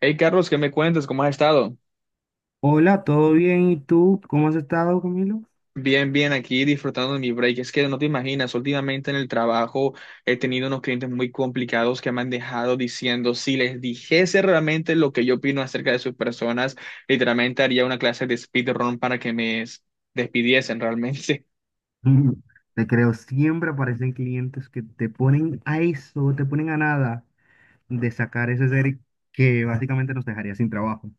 Hey Carlos, ¿qué me cuentas? ¿Cómo has estado? Hola, ¿todo bien? ¿Y tú? ¿Cómo has estado, Camilo? Bien, bien, aquí disfrutando de mi break. Es que no te imaginas, últimamente en el trabajo he tenido unos clientes muy complicados que me han dejado diciendo, si les dijese realmente lo que yo opino acerca de sus personas, literalmente haría una clase de speedrun para que me despidiesen realmente. Mm, te creo, siempre aparecen clientes que te ponen a eso, te ponen a nada de sacar ese ser que básicamente nos dejaría sin trabajo.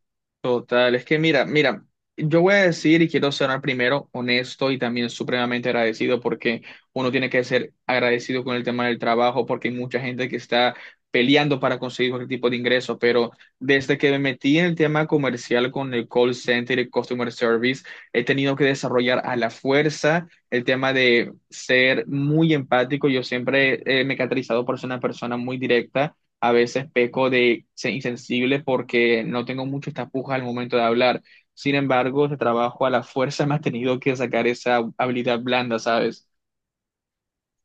Total, es que mira, mira, yo voy a decir y quiero sonar primero honesto y también supremamente agradecido, porque uno tiene que ser agradecido con el tema del trabajo porque hay mucha gente que está peleando para conseguir cualquier tipo de ingreso, pero desde que me metí en el tema comercial con el call center y customer service, he tenido que desarrollar a la fuerza el tema de ser muy empático. Yo siempre me he caracterizado por ser una persona muy directa, a veces peco de ser insensible porque no tengo mucha tapuja al momento de hablar. Sin embargo, ese trabajo a la fuerza me ha tenido que sacar esa habilidad blanda, ¿sabes?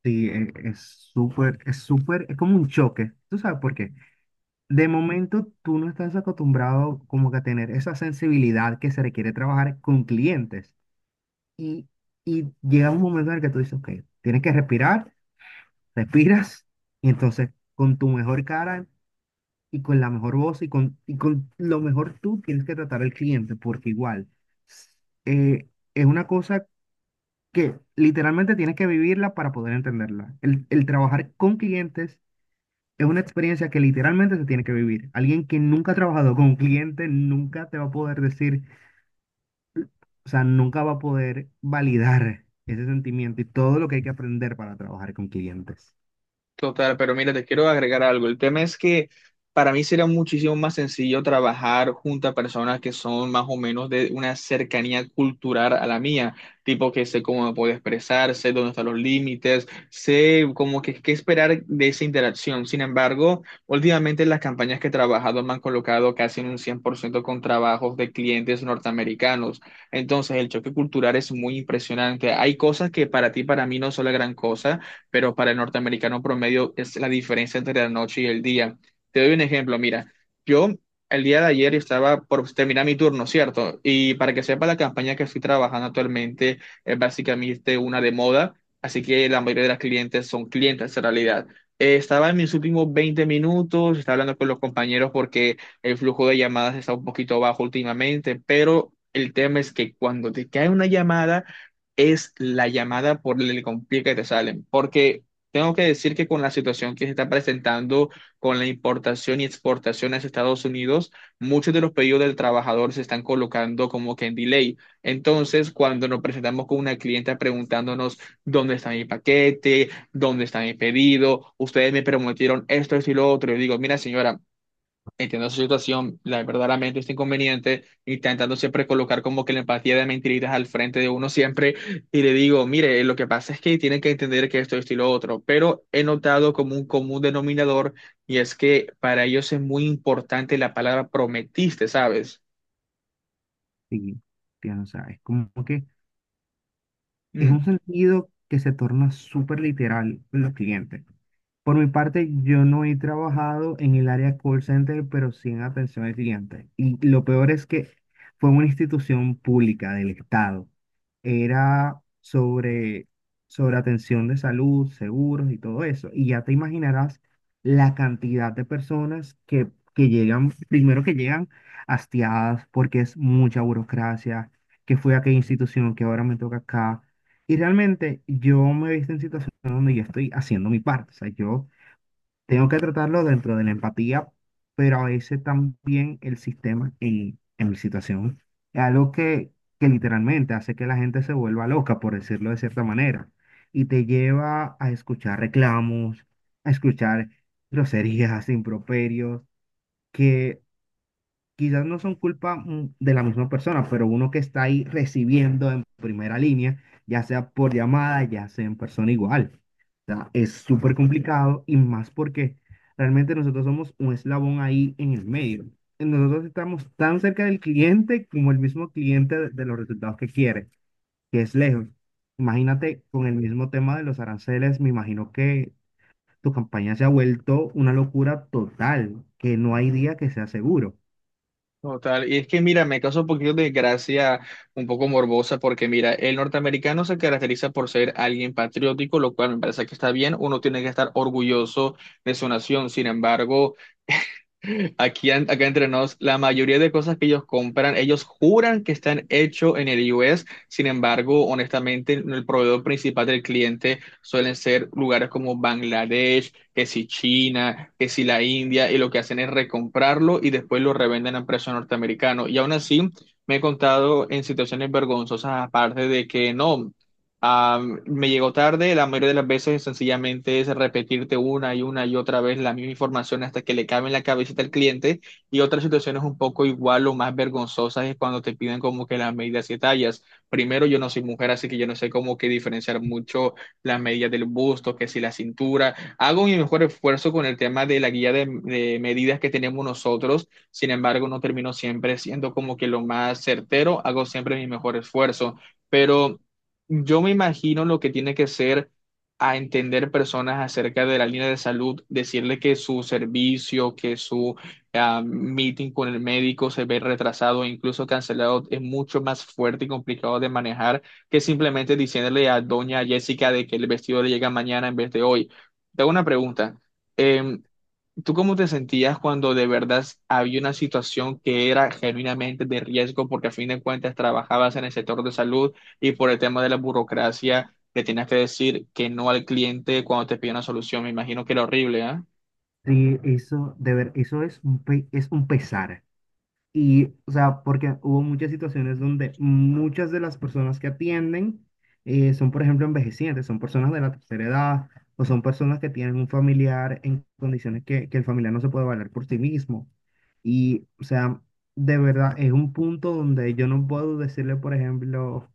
Sí, es súper, es súper, es como un choque. ¿Tú sabes por qué? De momento tú no estás acostumbrado como que a tener esa sensibilidad que se requiere trabajar con clientes. Y, y llega un momento en el que tú dices, ok, tienes que respirar, respiras, y entonces con tu mejor cara y con la mejor voz y y con lo mejor tú tienes que tratar al cliente, porque igual s- eh, es una cosa que literalmente tienes que vivirla para poder entenderla. El trabajar con clientes es una experiencia que literalmente se tiene que vivir. Alguien que nunca ha trabajado con un cliente nunca te va a poder decir, o sea, nunca va a poder validar ese sentimiento y todo lo que hay que aprender para trabajar con clientes. Total, pero mira, te quiero agregar algo. El tema es que para mí sería muchísimo más sencillo trabajar junto a personas que son más o menos de una cercanía cultural a la mía, tipo que sé cómo me puedo expresar, sé dónde están los límites, sé como que qué esperar de esa interacción. Sin embargo, últimamente las campañas que he trabajado me han colocado casi en un 100% con trabajos de clientes norteamericanos. Entonces, el choque cultural es muy impresionante. Hay cosas que para ti, para mí no son la gran cosa, pero para el norteamericano promedio es la diferencia entre la noche y el día. Te doy un ejemplo, mira, yo el día de ayer estaba por terminar mi turno, ¿cierto? Y para que sepa, la campaña que estoy trabajando actualmente es básicamente una de moda, así que la mayoría de las clientes son clientes en realidad. Estaba en mis últimos 20 minutos, estaba hablando con los compañeros porque el flujo de llamadas está un poquito bajo últimamente, pero el tema es que cuando te cae una llamada, es la llamada por el complique que te salen, porque tengo que decir que con la situación que se está presentando con la importación y exportación hacia Estados Unidos, muchos de los pedidos del trabajador se están colocando como que en delay. Entonces, cuando nos presentamos con una clienta preguntándonos dónde está mi paquete, dónde está mi pedido, ustedes me prometieron esto, esto y lo otro, yo digo, mira señora, entiendo su situación, verdaderamente este inconveniente, intentando siempre colocar como que la empatía de mentiritas al frente de uno siempre, y le digo, mire, lo que pasa es que tienen que entender que esto y lo otro, pero he notado como un común denominador, y es que para ellos es muy importante la palabra prometiste, ¿sabes? Sí, tienes, o sea, es como que es Mm. un sentido que se torna súper literal en los clientes. Por mi parte, yo no he trabajado en el área call center, pero sí en atención al cliente. Y lo peor es que fue una institución pública del Estado. Era sobre atención de salud, seguros y todo eso. Y ya te imaginarás la cantidad de personas que llegan, primero que llegan hastiadas porque es mucha burocracia, que fui a aquella institución, que ahora me toca acá y realmente yo me he visto en situaciones donde yo estoy haciendo mi parte. O sea, yo tengo que tratarlo dentro de la empatía, pero a veces también el sistema en mi situación es algo que literalmente hace que la gente se vuelva loca, por decirlo de cierta manera, y te lleva a escuchar reclamos, a escuchar groserías, improperios, que quizás no son culpa de la misma persona, pero uno que está ahí recibiendo en primera línea, ya sea por llamada, ya sea en persona igual. O sea, es súper complicado y más porque realmente nosotros somos un eslabón ahí en el medio. Nosotros estamos tan cerca del cliente como el mismo cliente de los resultados que quiere, que es lejos. Imagínate con el mismo tema de los aranceles, me imagino que tu campaña se ha vuelto una locura total, que no hay día que sea seguro. Total, y es que mira, me causa un poquito de gracia, un poco morbosa, porque mira, el norteamericano se caracteriza por ser alguien patriótico, lo cual me parece que está bien, uno tiene que estar orgulloso de su nación. Sin embargo, aquí, acá entre nos, la mayoría de cosas que ellos compran, ellos juran que están hechos en el U. S., sin embargo, honestamente, el proveedor principal del cliente suelen ser lugares como Bangladesh, que si China, que si la India, y lo que hacen es recomprarlo y después lo revenden a precio norteamericano. Y aún así, me he contado en situaciones vergonzosas, aparte de que no. Me llegó tarde, la mayoría de las veces sencillamente es repetirte una y otra vez la misma información hasta que le cabe en la cabecita al cliente. Y otras situaciones un poco igual o más vergonzosas es cuando te piden como que las medidas y tallas. Primero, yo no soy mujer, así que yo no sé cómo que diferenciar mucho las medidas del busto, que si la cintura. Hago mi mejor esfuerzo con el tema de la guía de medidas que tenemos nosotros. Sin embargo, no termino siempre siendo como que lo más certero, hago siempre mi mejor esfuerzo. Pero yo me imagino lo que tiene que ser a entender personas acerca de la línea de salud, decirle que su servicio, que su meeting con el médico se ve retrasado o incluso cancelado, es mucho más fuerte y complicado de manejar que simplemente diciéndole a doña Jessica de que el vestido le llega mañana en vez de hoy. Te hago una pregunta. em, ¿Tú cómo te sentías cuando de verdad había una situación que era genuinamente de riesgo porque a fin de cuentas trabajabas en el sector de salud y por el tema de la burocracia le tenías que decir que no al cliente cuando te pide una solución? Me imagino que era horrible, ¿ah? Sí, eso, de ver, eso es un, es un pesar. Y, o sea, porque hubo muchas situaciones donde muchas de las personas que atienden son, por ejemplo, envejecientes, son personas de la tercera edad o son personas que tienen un familiar en condiciones que el familiar no se puede valer por sí mismo. Y, o sea, de verdad, es un punto donde yo no puedo decirle, por ejemplo,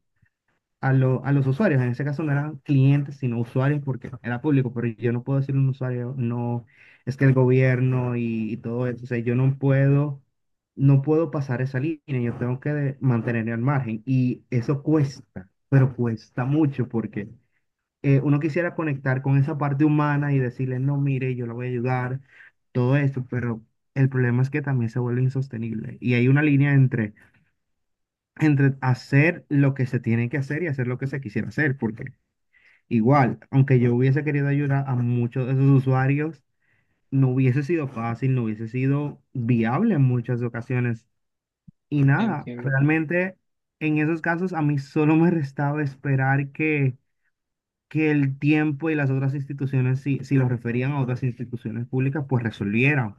a los usuarios. En ese caso no eran clientes, sino usuarios porque era público, pero yo no puedo decir un usuario, no, es que el gobierno y todo eso, o sea, yo no puedo, no puedo pasar esa línea, yo tengo que mantenerme al margen y eso cuesta, pero cuesta mucho porque uno quisiera conectar con esa parte humana y decirle, no, mire, yo la voy a ayudar, todo esto, pero el problema es que también se vuelve insostenible y hay una línea entre entre hacer lo que se tiene que hacer y hacer lo que se quisiera hacer, porque igual, aunque yo hubiese querido ayudar a muchos de esos usuarios, no hubiese sido fácil, no hubiese sido viable en muchas ocasiones. Y nada, Entiendo. realmente en esos casos a mí solo me restaba esperar que el tiempo y las otras instituciones, si lo referían a otras instituciones públicas, pues resolvieran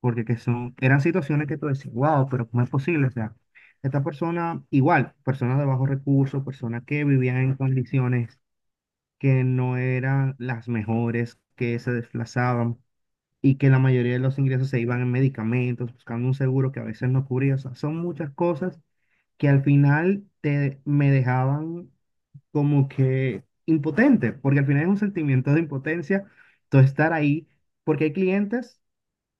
porque que son, eran situaciones que tú decías, wow, pero ¿cómo es posible? O sea, esta persona, igual, personas de bajos recursos, personas que vivían en condiciones que no eran las mejores, que se desplazaban y que la mayoría de los ingresos se iban en medicamentos, buscando un seguro que a veces no cubría. O sea, son muchas cosas que al final te, me dejaban como que impotente, porque al final es un sentimiento de impotencia, todo estar ahí, porque hay clientes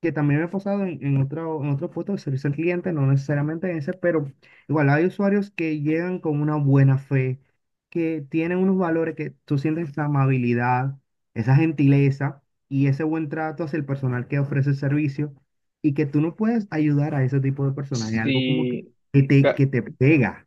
que también me he pasado en otro puesto de servicio al cliente, no necesariamente en ese, pero igual hay usuarios que llegan con una buena fe, que tienen unos valores que tú sientes esa amabilidad, esa gentileza y ese buen trato hacia el personal que ofrece el servicio y que tú no puedes ayudar a ese tipo de personas. Es algo como Sí, que te pega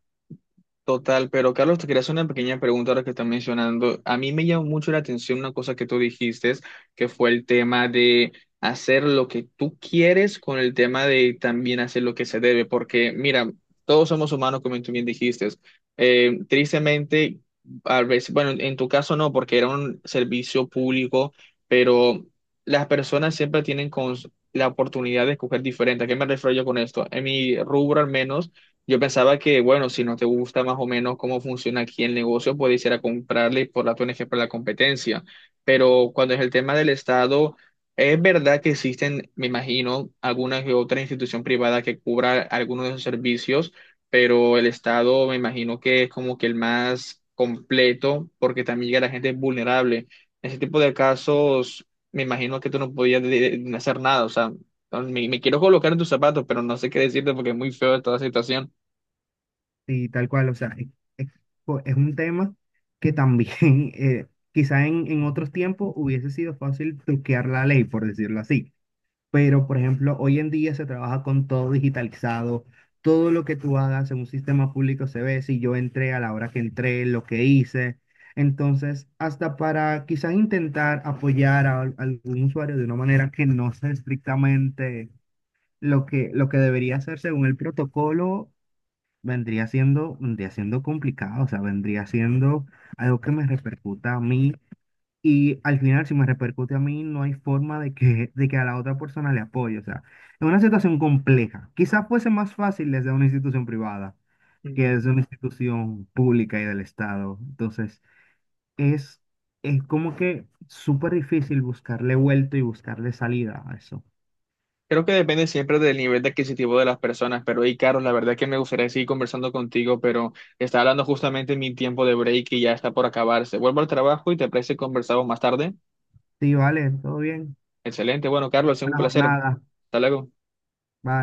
total, pero Carlos, te quería hacer una pequeña pregunta ahora que estás mencionando. A mí me llamó mucho la atención una cosa que tú dijiste, que fue el tema de hacer lo que tú quieres con el tema de también hacer lo que se debe, porque mira, todos somos humanos, como tú bien dijiste. Tristemente, a veces, bueno, en tu caso no, porque era un servicio público, pero las personas siempre tienen la oportunidad de escoger diferente. ¿A qué me refiero yo con esto? En mi rubro al menos. Yo pensaba que, bueno, si no te gusta más o menos cómo funciona aquí el negocio, puedes ir a comprarle y por la ONG para la competencia. Pero cuando es el tema del Estado, es verdad que existen, me imagino, alguna que otra institución privada que cubra algunos de esos servicios, pero el Estado me imagino que es como que el más completo porque también llega a la gente vulnerable. En ese tipo de casos, me imagino que tú no podías hacer nada. O sea, no, me quiero colocar en tus zapatos, pero no sé qué decirte porque es muy feo toda la situación. y tal cual. O sea, es, es- es un tema que también eh, quizá en otros tiempos hubiese sido fácil truquear la ley, por decirlo así. Pero, por ejemplo, hoy en día se trabaja con todo digitalizado. Todo lo que tú hagas en un sistema público se ve si yo entré a la hora que entré, lo que hice. Entonces, hasta para quizás intentar apoyar algún usuario de una manera que no sea estrictamente lo lo que debería hacer según el protocolo, vendría siendo complicado. O sea, vendría siendo algo que me repercuta a mí y al final, si me repercute a mí, no hay forma de de que a la otra persona le apoye. O sea, es una situación compleja. Quizás fuese más fácil desde una institución privada que Mm. desde una institución pública y del Estado. Entonces, es, es como que súper difícil buscarle vuelto y buscarle salida a eso. Creo que depende siempre del nivel de adquisitivo de las personas, pero hey, Carlos, la verdad es que me gustaría seguir conversando contigo, pero está hablando justamente mi tiempo de break y ya está por acabarse. Vuelvo al trabajo y te parece que conversamos más tarde. Sí, vale, todo bien. Excelente, bueno, Carlos, es un Buena placer. jornada. Hasta luego. Bye.